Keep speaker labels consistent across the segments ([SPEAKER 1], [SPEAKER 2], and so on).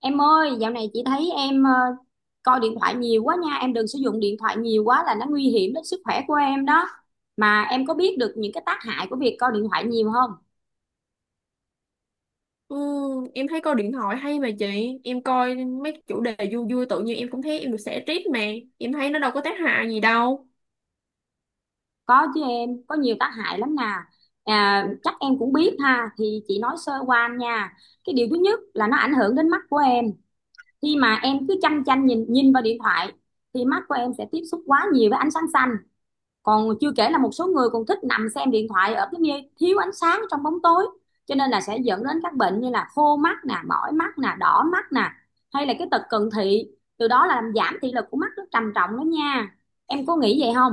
[SPEAKER 1] Em ơi, dạo này chị thấy em coi điện thoại nhiều quá nha. Em đừng sử dụng điện thoại nhiều quá là nó nguy hiểm đến sức khỏe của em đó. Mà em có biết được những cái tác hại của việc coi điện thoại nhiều không?
[SPEAKER 2] Ừ, em thấy coi điện thoại hay mà chị. Em coi mấy chủ đề vui vui tự nhiên em cũng thấy em được xả stress mà. Em thấy nó đâu có tác hại gì đâu.
[SPEAKER 1] Có chứ em, có nhiều tác hại lắm nè. À, chắc em cũng biết ha, thì chị nói sơ qua nha. Cái điều thứ nhất là nó ảnh hưởng đến mắt của em. Khi mà em cứ chăm chăm nhìn nhìn vào điện thoại thì mắt của em sẽ tiếp xúc quá nhiều với ánh sáng xanh, còn chưa kể là một số người còn thích nằm xem điện thoại ở cái nơi thiếu ánh sáng, trong bóng tối, cho nên là sẽ dẫn đến các bệnh như là khô mắt nè, mỏi mắt nè, đỏ mắt nè, hay là cái tật cận thị, từ đó là làm giảm thị lực của mắt rất trầm trọng đó nha, em có nghĩ vậy không?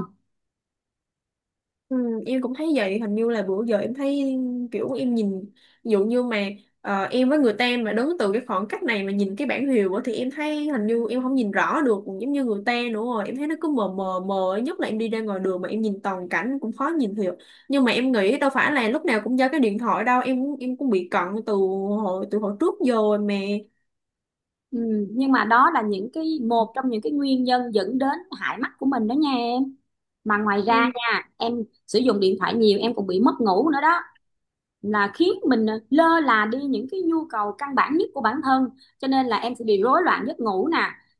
[SPEAKER 2] ừ, Em cũng thấy vậy, hình như là bữa giờ em thấy kiểu em nhìn. Ví dụ như mà em với người ta mà đứng từ cái khoảng cách này mà nhìn cái bảng hiệu á, thì em thấy hình như em không nhìn rõ được giống như người ta nữa rồi. Em thấy nó cứ mờ mờ mờ, nhất là em đi ra ngoài đường mà em nhìn toàn cảnh cũng khó nhìn hiểu. Nhưng mà em nghĩ đâu phải là lúc nào cũng do cái điện thoại đâu, em cũng bị cận từ từ hồi trước giờ rồi mà.
[SPEAKER 1] Ừ, nhưng mà đó là những cái, một trong những cái nguyên nhân dẫn đến hại mắt của mình đó nha em. Mà ngoài ra
[SPEAKER 2] Ừ.
[SPEAKER 1] nha, em sử dụng điện thoại nhiều em còn bị mất ngủ nữa đó, là khiến mình lơ là đi những cái nhu cầu căn bản nhất của bản thân, cho nên là em sẽ bị rối loạn giấc ngủ nè.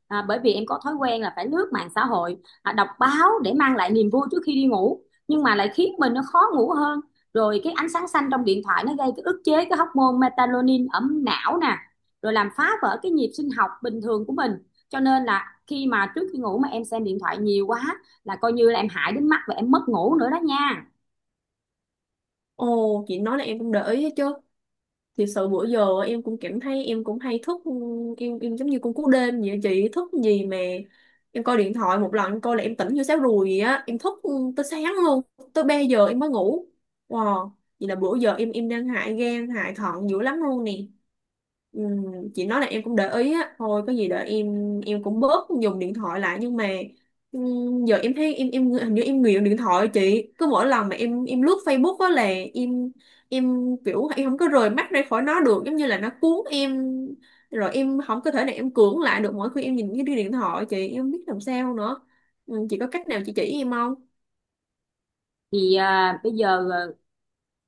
[SPEAKER 1] Bởi vì em có thói quen là phải lướt mạng xã hội, đọc báo để mang lại niềm vui trước khi đi ngủ, nhưng mà lại khiến mình nó khó ngủ hơn. Rồi cái ánh sáng xanh trong điện thoại nó gây cái ức chế cái hormone melatonin ở não nè, rồi làm phá vỡ cái nhịp sinh học bình thường của mình. Cho nên là khi mà trước khi ngủ mà em xem điện thoại nhiều quá là coi như là em hại đến mắt và em mất ngủ nữa đó nha.
[SPEAKER 2] Ồ, chị nói là em cũng để ý chứ. Thì sự bữa giờ em cũng cảm thấy em cũng hay thức, em giống như con cú đêm vậy á chị, thức gì mà em coi điện thoại một lần em coi là em tỉnh như sáo ruồi vậy á, em thức tới sáng luôn, tới 3 giờ em mới ngủ. Wow, vậy là bữa giờ em đang hại gan hại thận dữ lắm luôn nè. Ừm, chị nói là em cũng để ý á, thôi có gì đợi em cũng bớt dùng điện thoại lại. Nhưng mà giờ em thấy em hình như em nghiện điện thoại chị. Cứ mỗi lần mà em lướt Facebook á là em em kiểu em không có rời mắt ra khỏi nó được, giống như là nó cuốn em, rồi em không có thể nào em cưỡng lại được mỗi khi em nhìn cái điện thoại chị, em không biết làm sao nữa. Chị có cách nào chị chỉ em không?
[SPEAKER 1] Thì bây giờ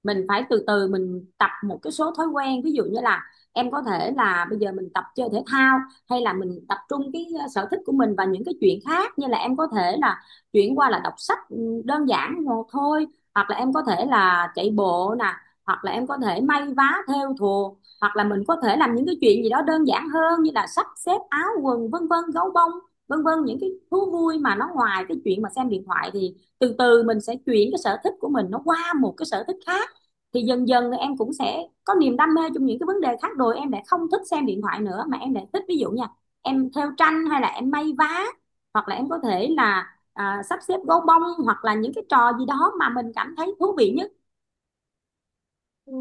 [SPEAKER 1] mình phải từ từ mình tập một cái số thói quen, ví dụ như là em có thể là bây giờ mình tập chơi thể thao, hay là mình tập trung cái sở thích của mình và những cái chuyện khác, như là em có thể là chuyển qua là đọc sách, ừ, đơn giản một thôi, hoặc là em có thể là chạy bộ nè, hoặc là em có thể may vá thêu thùa, hoặc là mình có thể làm những cái chuyện gì đó đơn giản hơn như là sắp xếp áo quần vân vân, gấu bông vân vân, những cái thú vui mà nó ngoài cái chuyện mà xem điện thoại. Thì từ từ mình sẽ chuyển cái sở thích của mình nó qua một cái sở thích khác, thì dần dần em cũng sẽ có niềm đam mê trong những cái vấn đề khác, rồi em lại không thích xem điện thoại nữa mà em lại thích, ví dụ nha, em thêu tranh hay là em may vá, hoặc là em có thể là sắp xếp gấu bông, hoặc là những cái trò gì đó mà mình cảm thấy thú vị nhất.
[SPEAKER 2] Ừ.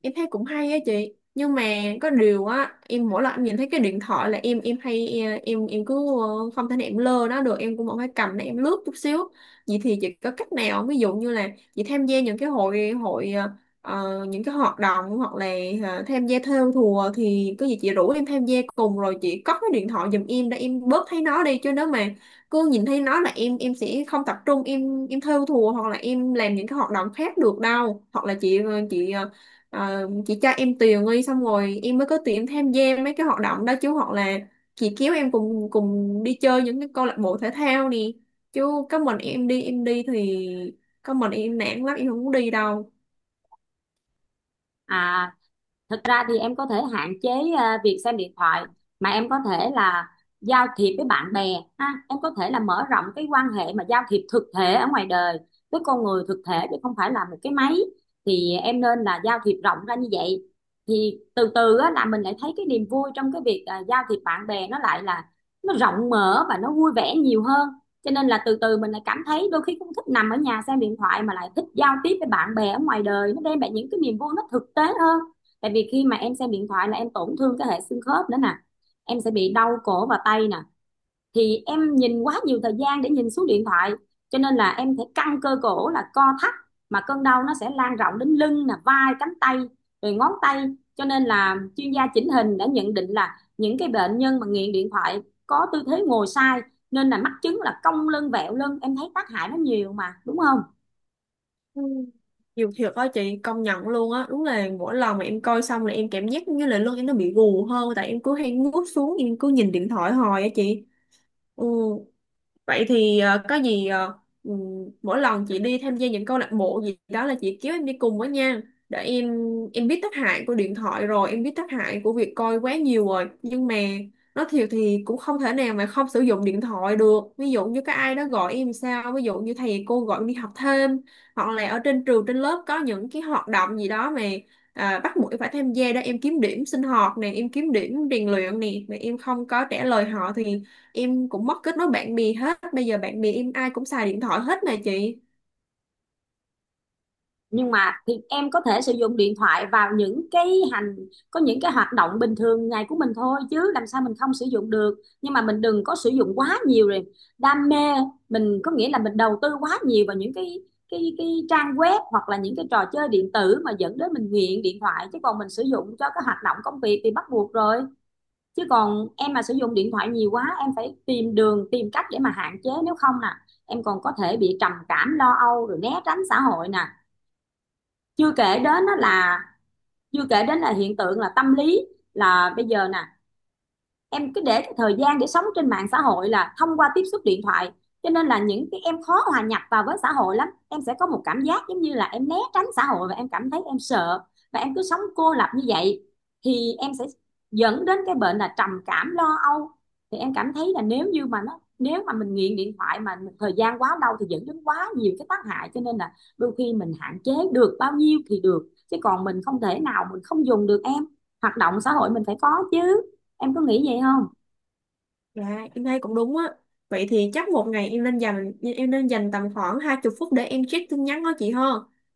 [SPEAKER 2] Em thấy cũng hay á chị, nhưng mà có điều á, em mỗi lần em nhìn thấy cái điện thoại là em, em hay cứ không thể nào em lơ nó được, em cũng vẫn phải cầm để em lướt chút xíu. Vậy thì chị có cách nào không? Ví dụ như là chị tham gia những cái hội hội ờ, ờ, những cái hoạt động, hoặc là tham gia thêu thùa thì có gì chị rủ em tham gia cùng, rồi chị cất cái điện thoại giùm em để em bớt thấy nó đi. Chứ nếu mà cứ nhìn thấy nó là em sẽ không tập trung, em thêu thùa hoặc là em làm những cái hoạt động khác được đâu. Hoặc là chị cho em tiền đi, xong rồi em mới có tiền em tham gia mấy cái hoạt động đó chứ. Hoặc là chị kéo em cùng cùng đi chơi những cái câu lạc bộ thể thao nè, chứ có mình em đi, thì có mình em nản lắm, em không muốn đi đâu.
[SPEAKER 1] À, thực ra thì em có thể hạn chế việc xem điện thoại, mà em có thể là giao thiệp với bạn bè ha, em có thể là mở rộng cái quan hệ mà giao thiệp thực thể ở ngoài đời, với con người thực thể chứ không phải là một cái máy. Thì em nên là giao thiệp rộng ra như vậy, thì từ từ á, là mình lại thấy cái niềm vui trong cái việc giao thiệp bạn bè, nó lại là nó rộng mở và nó vui vẻ nhiều hơn. Cho nên là từ từ mình lại cảm thấy đôi khi cũng thích nằm ở nhà xem điện thoại, mà lại thích giao tiếp với bạn bè ở ngoài đời, nó đem lại những cái niềm vui nó thực tế hơn. Tại vì khi mà em xem điện thoại là em tổn thương cái hệ xương khớp nữa nè, em sẽ bị đau cổ và tay nè, thì em nhìn quá nhiều thời gian để nhìn xuống điện thoại, cho nên là em phải căng cơ cổ, là co thắt, mà cơn đau nó sẽ lan rộng đến lưng nè, vai, cánh tay, rồi ngón tay. Cho nên là chuyên gia chỉnh hình đã nhận định là những cái bệnh nhân mà nghiện điện thoại có tư thế ngồi sai, nên là mắc chứng là cong lưng vẹo lưng. Em thấy tác hại nó nhiều mà, đúng không?
[SPEAKER 2] Ừ. Nhiều thiệt á chị, công nhận luôn á, đúng là mỗi lần mà em coi xong là em cảm giác như là lưng em nó bị gù hơn, tại em cứ hay ngước xuống em cứ nhìn điện thoại hoài á chị. Ừ, Vậy thì ờ, có gì ờ, ừ, mỗi lần chị đi tham gia những câu lạc bộ gì đó là chị kéo em đi cùng với nha, để em biết tác hại của điện thoại rồi, em biết tác hại của việc coi quá nhiều rồi, nhưng mà nói thiệt thì cũng không thể nào mà không sử dụng điện thoại được. Ví dụ như có ai đó gọi em sao, ví dụ như thầy cô gọi em đi học thêm, hoặc là ở trên trường trên lớp có những cái hoạt động gì đó mà bắt buộc em phải tham gia đó, em kiếm điểm sinh hoạt nè, em kiếm điểm rèn luyện nè, mà em không có trả lời họ thì em cũng mất kết nối bạn bè hết. Bây giờ bạn bè em ai cũng xài điện thoại hết nè chị.
[SPEAKER 1] Nhưng mà thì em có thể sử dụng điện thoại vào những cái hành có những cái hoạt động bình thường ngày của mình thôi, chứ làm sao mình không sử dụng được. Nhưng mà mình đừng có sử dụng quá nhiều rồi đam mê, mình có nghĩa là mình đầu tư quá nhiều vào những cái trang web, hoặc là những cái trò chơi điện tử mà dẫn đến mình nghiện điện thoại, chứ còn mình sử dụng cho cái hoạt động công việc thì bắt buộc rồi. Chứ còn em mà sử dụng điện thoại nhiều quá, em phải tìm đường tìm cách để mà hạn chế, nếu không nè em còn có thể bị trầm cảm lo âu, rồi né tránh xã hội nè. Chưa kể đến á là, chưa kể đến là hiện tượng là tâm lý, là bây giờ nè, em cứ để cái thời gian để sống trên mạng xã hội là thông qua tiếp xúc điện thoại, cho nên là những cái em khó hòa nhập vào với xã hội lắm. Em sẽ có một cảm giác giống như là em né tránh xã hội, và em cảm thấy em sợ, và em cứ sống cô lập như vậy, thì em sẽ dẫn đến cái bệnh là trầm cảm lo âu. Thì em cảm thấy là nếu như mà nó, nếu mà mình nghiện điện thoại mà thời gian quá lâu thì dẫn đến quá nhiều cái tác hại, cho nên là đôi khi mình hạn chế được bao nhiêu thì được, chứ còn mình không thể nào mình không dùng được em. Hoạt động xã hội mình phải có chứ, em có nghĩ vậy không?
[SPEAKER 2] Dạ em thấy cũng đúng á. Vậy thì chắc một ngày em nên dành, em nên dành tầm khoảng 20 phút để em check tin nhắn đó chị ha.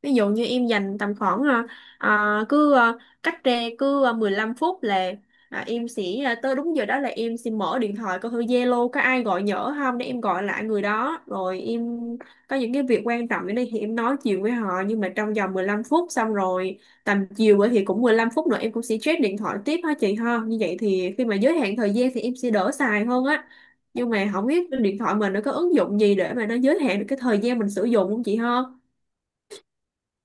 [SPEAKER 2] Ví dụ như em dành tầm khoảng à, cứ à, cách ra cứ 15 phút là em sẽ, tới đúng giờ đó là em sẽ mở điện thoại coi thử Zalo có ai gọi nhỡ không để em gọi lại người đó, rồi em có những cái việc quan trọng ở đây thì em nói chuyện với họ, nhưng mà trong vòng 15 phút xong rồi tầm chiều á thì cũng 15 phút nữa em cũng sẽ check điện thoại tiếp ha chị ha. Như vậy thì khi mà giới hạn thời gian thì em sẽ đỡ xài hơn á. Nhưng mà không biết trên điện thoại mình nó có ứng dụng gì để mà nó giới hạn được cái thời gian mình sử dụng không chị ha?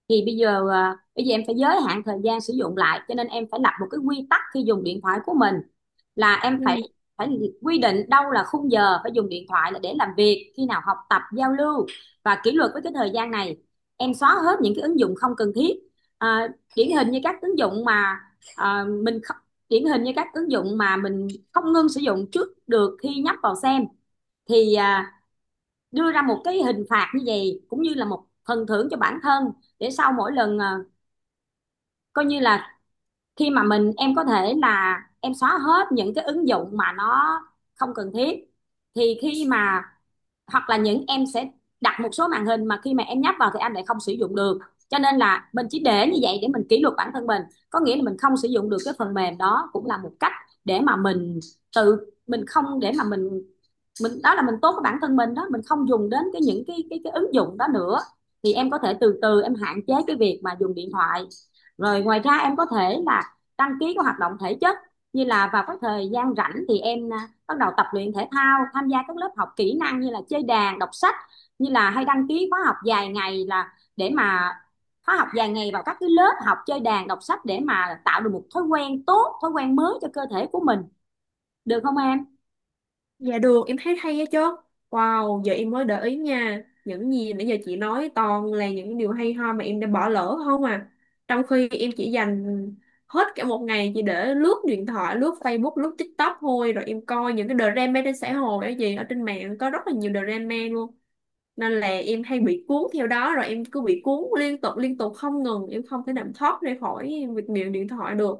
[SPEAKER 1] Thì bây giờ bây giờ em phải giới hạn thời gian sử dụng lại, cho nên em phải lập một cái quy tắc khi dùng điện thoại của mình, là em phải,
[SPEAKER 2] Ừ.
[SPEAKER 1] phải quy định đâu là khung giờ phải dùng điện thoại là để làm việc, khi nào học tập, giao lưu, và kỷ luật với cái thời gian này. Em xóa hết những cái ứng dụng không cần thiết. à, Điển hình như các ứng dụng mà, à, mình không, điển hình như các ứng dụng mà mình không ngưng sử dụng trước được khi nhấp vào xem, thì đưa ra một cái hình phạt như vậy cũng như là một phần thưởng cho bản thân, để sau mỗi lần coi như là khi mà mình, em có thể là em xóa hết những cái ứng dụng mà nó không cần thiết. Thì khi mà, hoặc là những em sẽ đặt một số màn hình mà khi mà em nhấp vào thì anh lại không sử dụng được, cho nên là mình chỉ để như vậy để mình kỷ luật bản thân mình, có nghĩa là mình không sử dụng được cái phần mềm đó, cũng là một cách để mà mình tự, mình không để mà mình đó là mình tốt với bản thân mình đó, mình không dùng đến cái những cái ứng dụng đó nữa. Thì em có thể từ từ em hạn chế cái việc mà dùng điện thoại. Rồi ngoài ra em có thể là đăng ký các hoạt động thể chất, như là vào các thời gian rảnh thì em bắt đầu tập luyện thể thao, tham gia các lớp học kỹ năng như là chơi đàn, đọc sách, như là hay đăng ký khóa học dài ngày là để mà, khóa học dài ngày vào các cái lớp học chơi đàn đọc sách, để mà tạo được một thói quen tốt, thói quen mới cho cơ thể của mình, được không em?
[SPEAKER 2] Dạ được, em thấy hay á chứ. Wow, giờ em mới để ý nha. Những gì nãy giờ chị nói toàn là những điều hay ho mà em đã bỏ lỡ không à. Trong khi em chỉ dành hết cả một ngày chỉ để lướt điện thoại, lướt Facebook, lướt TikTok thôi. Rồi em coi những cái drama trên xã hội á gì. Ở trên mạng có rất là nhiều drama luôn, nên là em hay bị cuốn theo đó, rồi em cứ bị cuốn liên tục không ngừng, em không thể nào thoát ra khỏi việc miệng điện thoại được.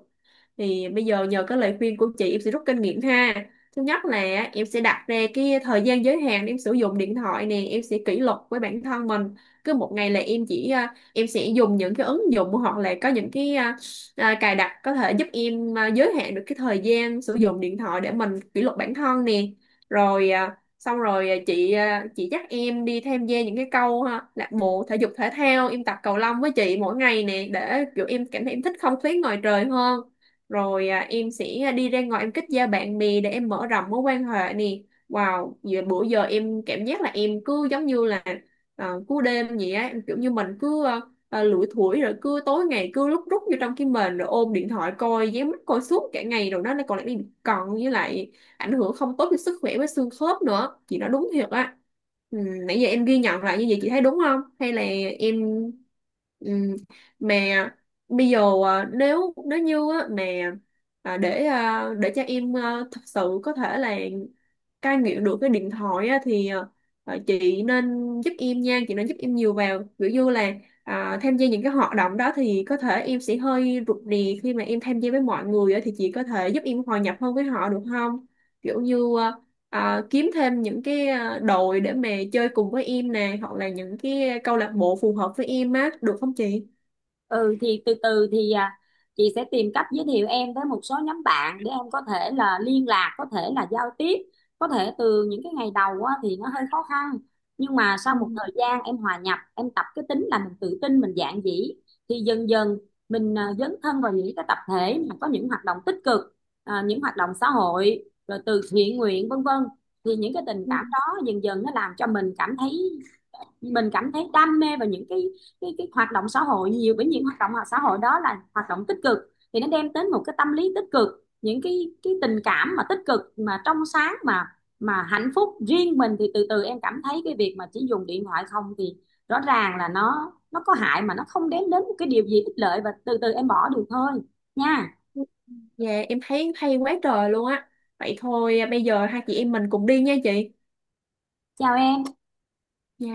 [SPEAKER 2] Thì bây giờ nhờ cái lời khuyên của chị em sẽ rút kinh nghiệm ha. Thứ nhất là em sẽ đặt ra cái thời gian giới hạn em sử dụng điện thoại nè, em sẽ kỷ luật với bản thân mình. Cứ một ngày là em chỉ em sẽ dùng những cái ứng dụng, hoặc là có những cái cài đặt có thể giúp em giới hạn được cái thời gian sử dụng điện thoại để mình kỷ luật bản thân nè. Rồi à, xong rồi à, chị à, Chị dắt em đi tham gia những cái câu, ha, lạc bộ thể dục thể thao, em tập cầu lông với chị mỗi ngày nè, để kiểu em cảm thấy em thích không khí ngoài trời hơn. Em sẽ, đi ra ngoài em kết giao bạn bè để em mở rộng mối quan hệ nè. Wow, giờ bữa giờ em cảm giác là em cứ giống như là cú đêm vậy á, em kiểu như mình cứ lủi thủi, rồi cứ tối ngày cứ lúc rút vô trong cái mền rồi ôm điện thoại coi, dán mắt coi suốt cả ngày rồi đó, nó còn lại bị cận, với lại ảnh hưởng không tốt cho sức khỏe với xương khớp nữa, chị nói đúng thiệt á. ừ, Nãy giờ em ghi nhận lại như vậy chị thấy đúng không, hay là em ừ, mà bây giờ nếu nếu như á, mà để cho em thật sự có thể là cai nghiện được cái điện thoại á, thì chị nên giúp em nha, chị nên giúp em nhiều vào. Ví dụ như là tham gia những cái hoạt động đó thì có thể em sẽ hơi rụt rè khi mà em tham gia với mọi người á, thì chị có thể giúp em hòa nhập hơn với họ được không? Kiểu như kiếm thêm những cái đội để mà chơi cùng với em nè, hoặc là những cái câu lạc bộ phù hợp với em á, được không chị?
[SPEAKER 1] Ừ, thì từ từ thì chị sẽ tìm cách giới thiệu em tới một số nhóm bạn để em có thể là liên lạc, có thể là giao tiếp. Có thể từ những cái ngày đầu á, thì nó hơi khó khăn, nhưng mà sau
[SPEAKER 2] Ừ,
[SPEAKER 1] một thời gian em hòa nhập, em tập cái tính là mình tự tin, mình dạn dĩ, thì dần dần mình dấn thân vào những cái tập thể mà có những hoạt động tích cực, những hoạt động xã hội, rồi từ thiện nguyện vân vân, thì những cái tình
[SPEAKER 2] ừ,
[SPEAKER 1] cảm đó dần dần nó làm cho mình cảm thấy, mình cảm thấy đam mê vào những cái hoạt động xã hội nhiều, bởi những hoạt động xã hội đó là hoạt động tích cực, thì nó đem đến một cái tâm lý tích cực, những cái tình cảm mà tích cực mà trong sáng mà hạnh phúc riêng mình, thì từ từ em cảm thấy cái việc mà chỉ dùng điện thoại không thì rõ ràng là nó có hại, mà nó không đem đến một cái điều gì ích lợi, và từ từ em bỏ được thôi nha.
[SPEAKER 2] ừ. Dạ em thấy hay quá trời luôn á. Vậy thôi bây giờ hai chị em mình cùng đi nha chị.
[SPEAKER 1] Chào em.
[SPEAKER 2] Dạ.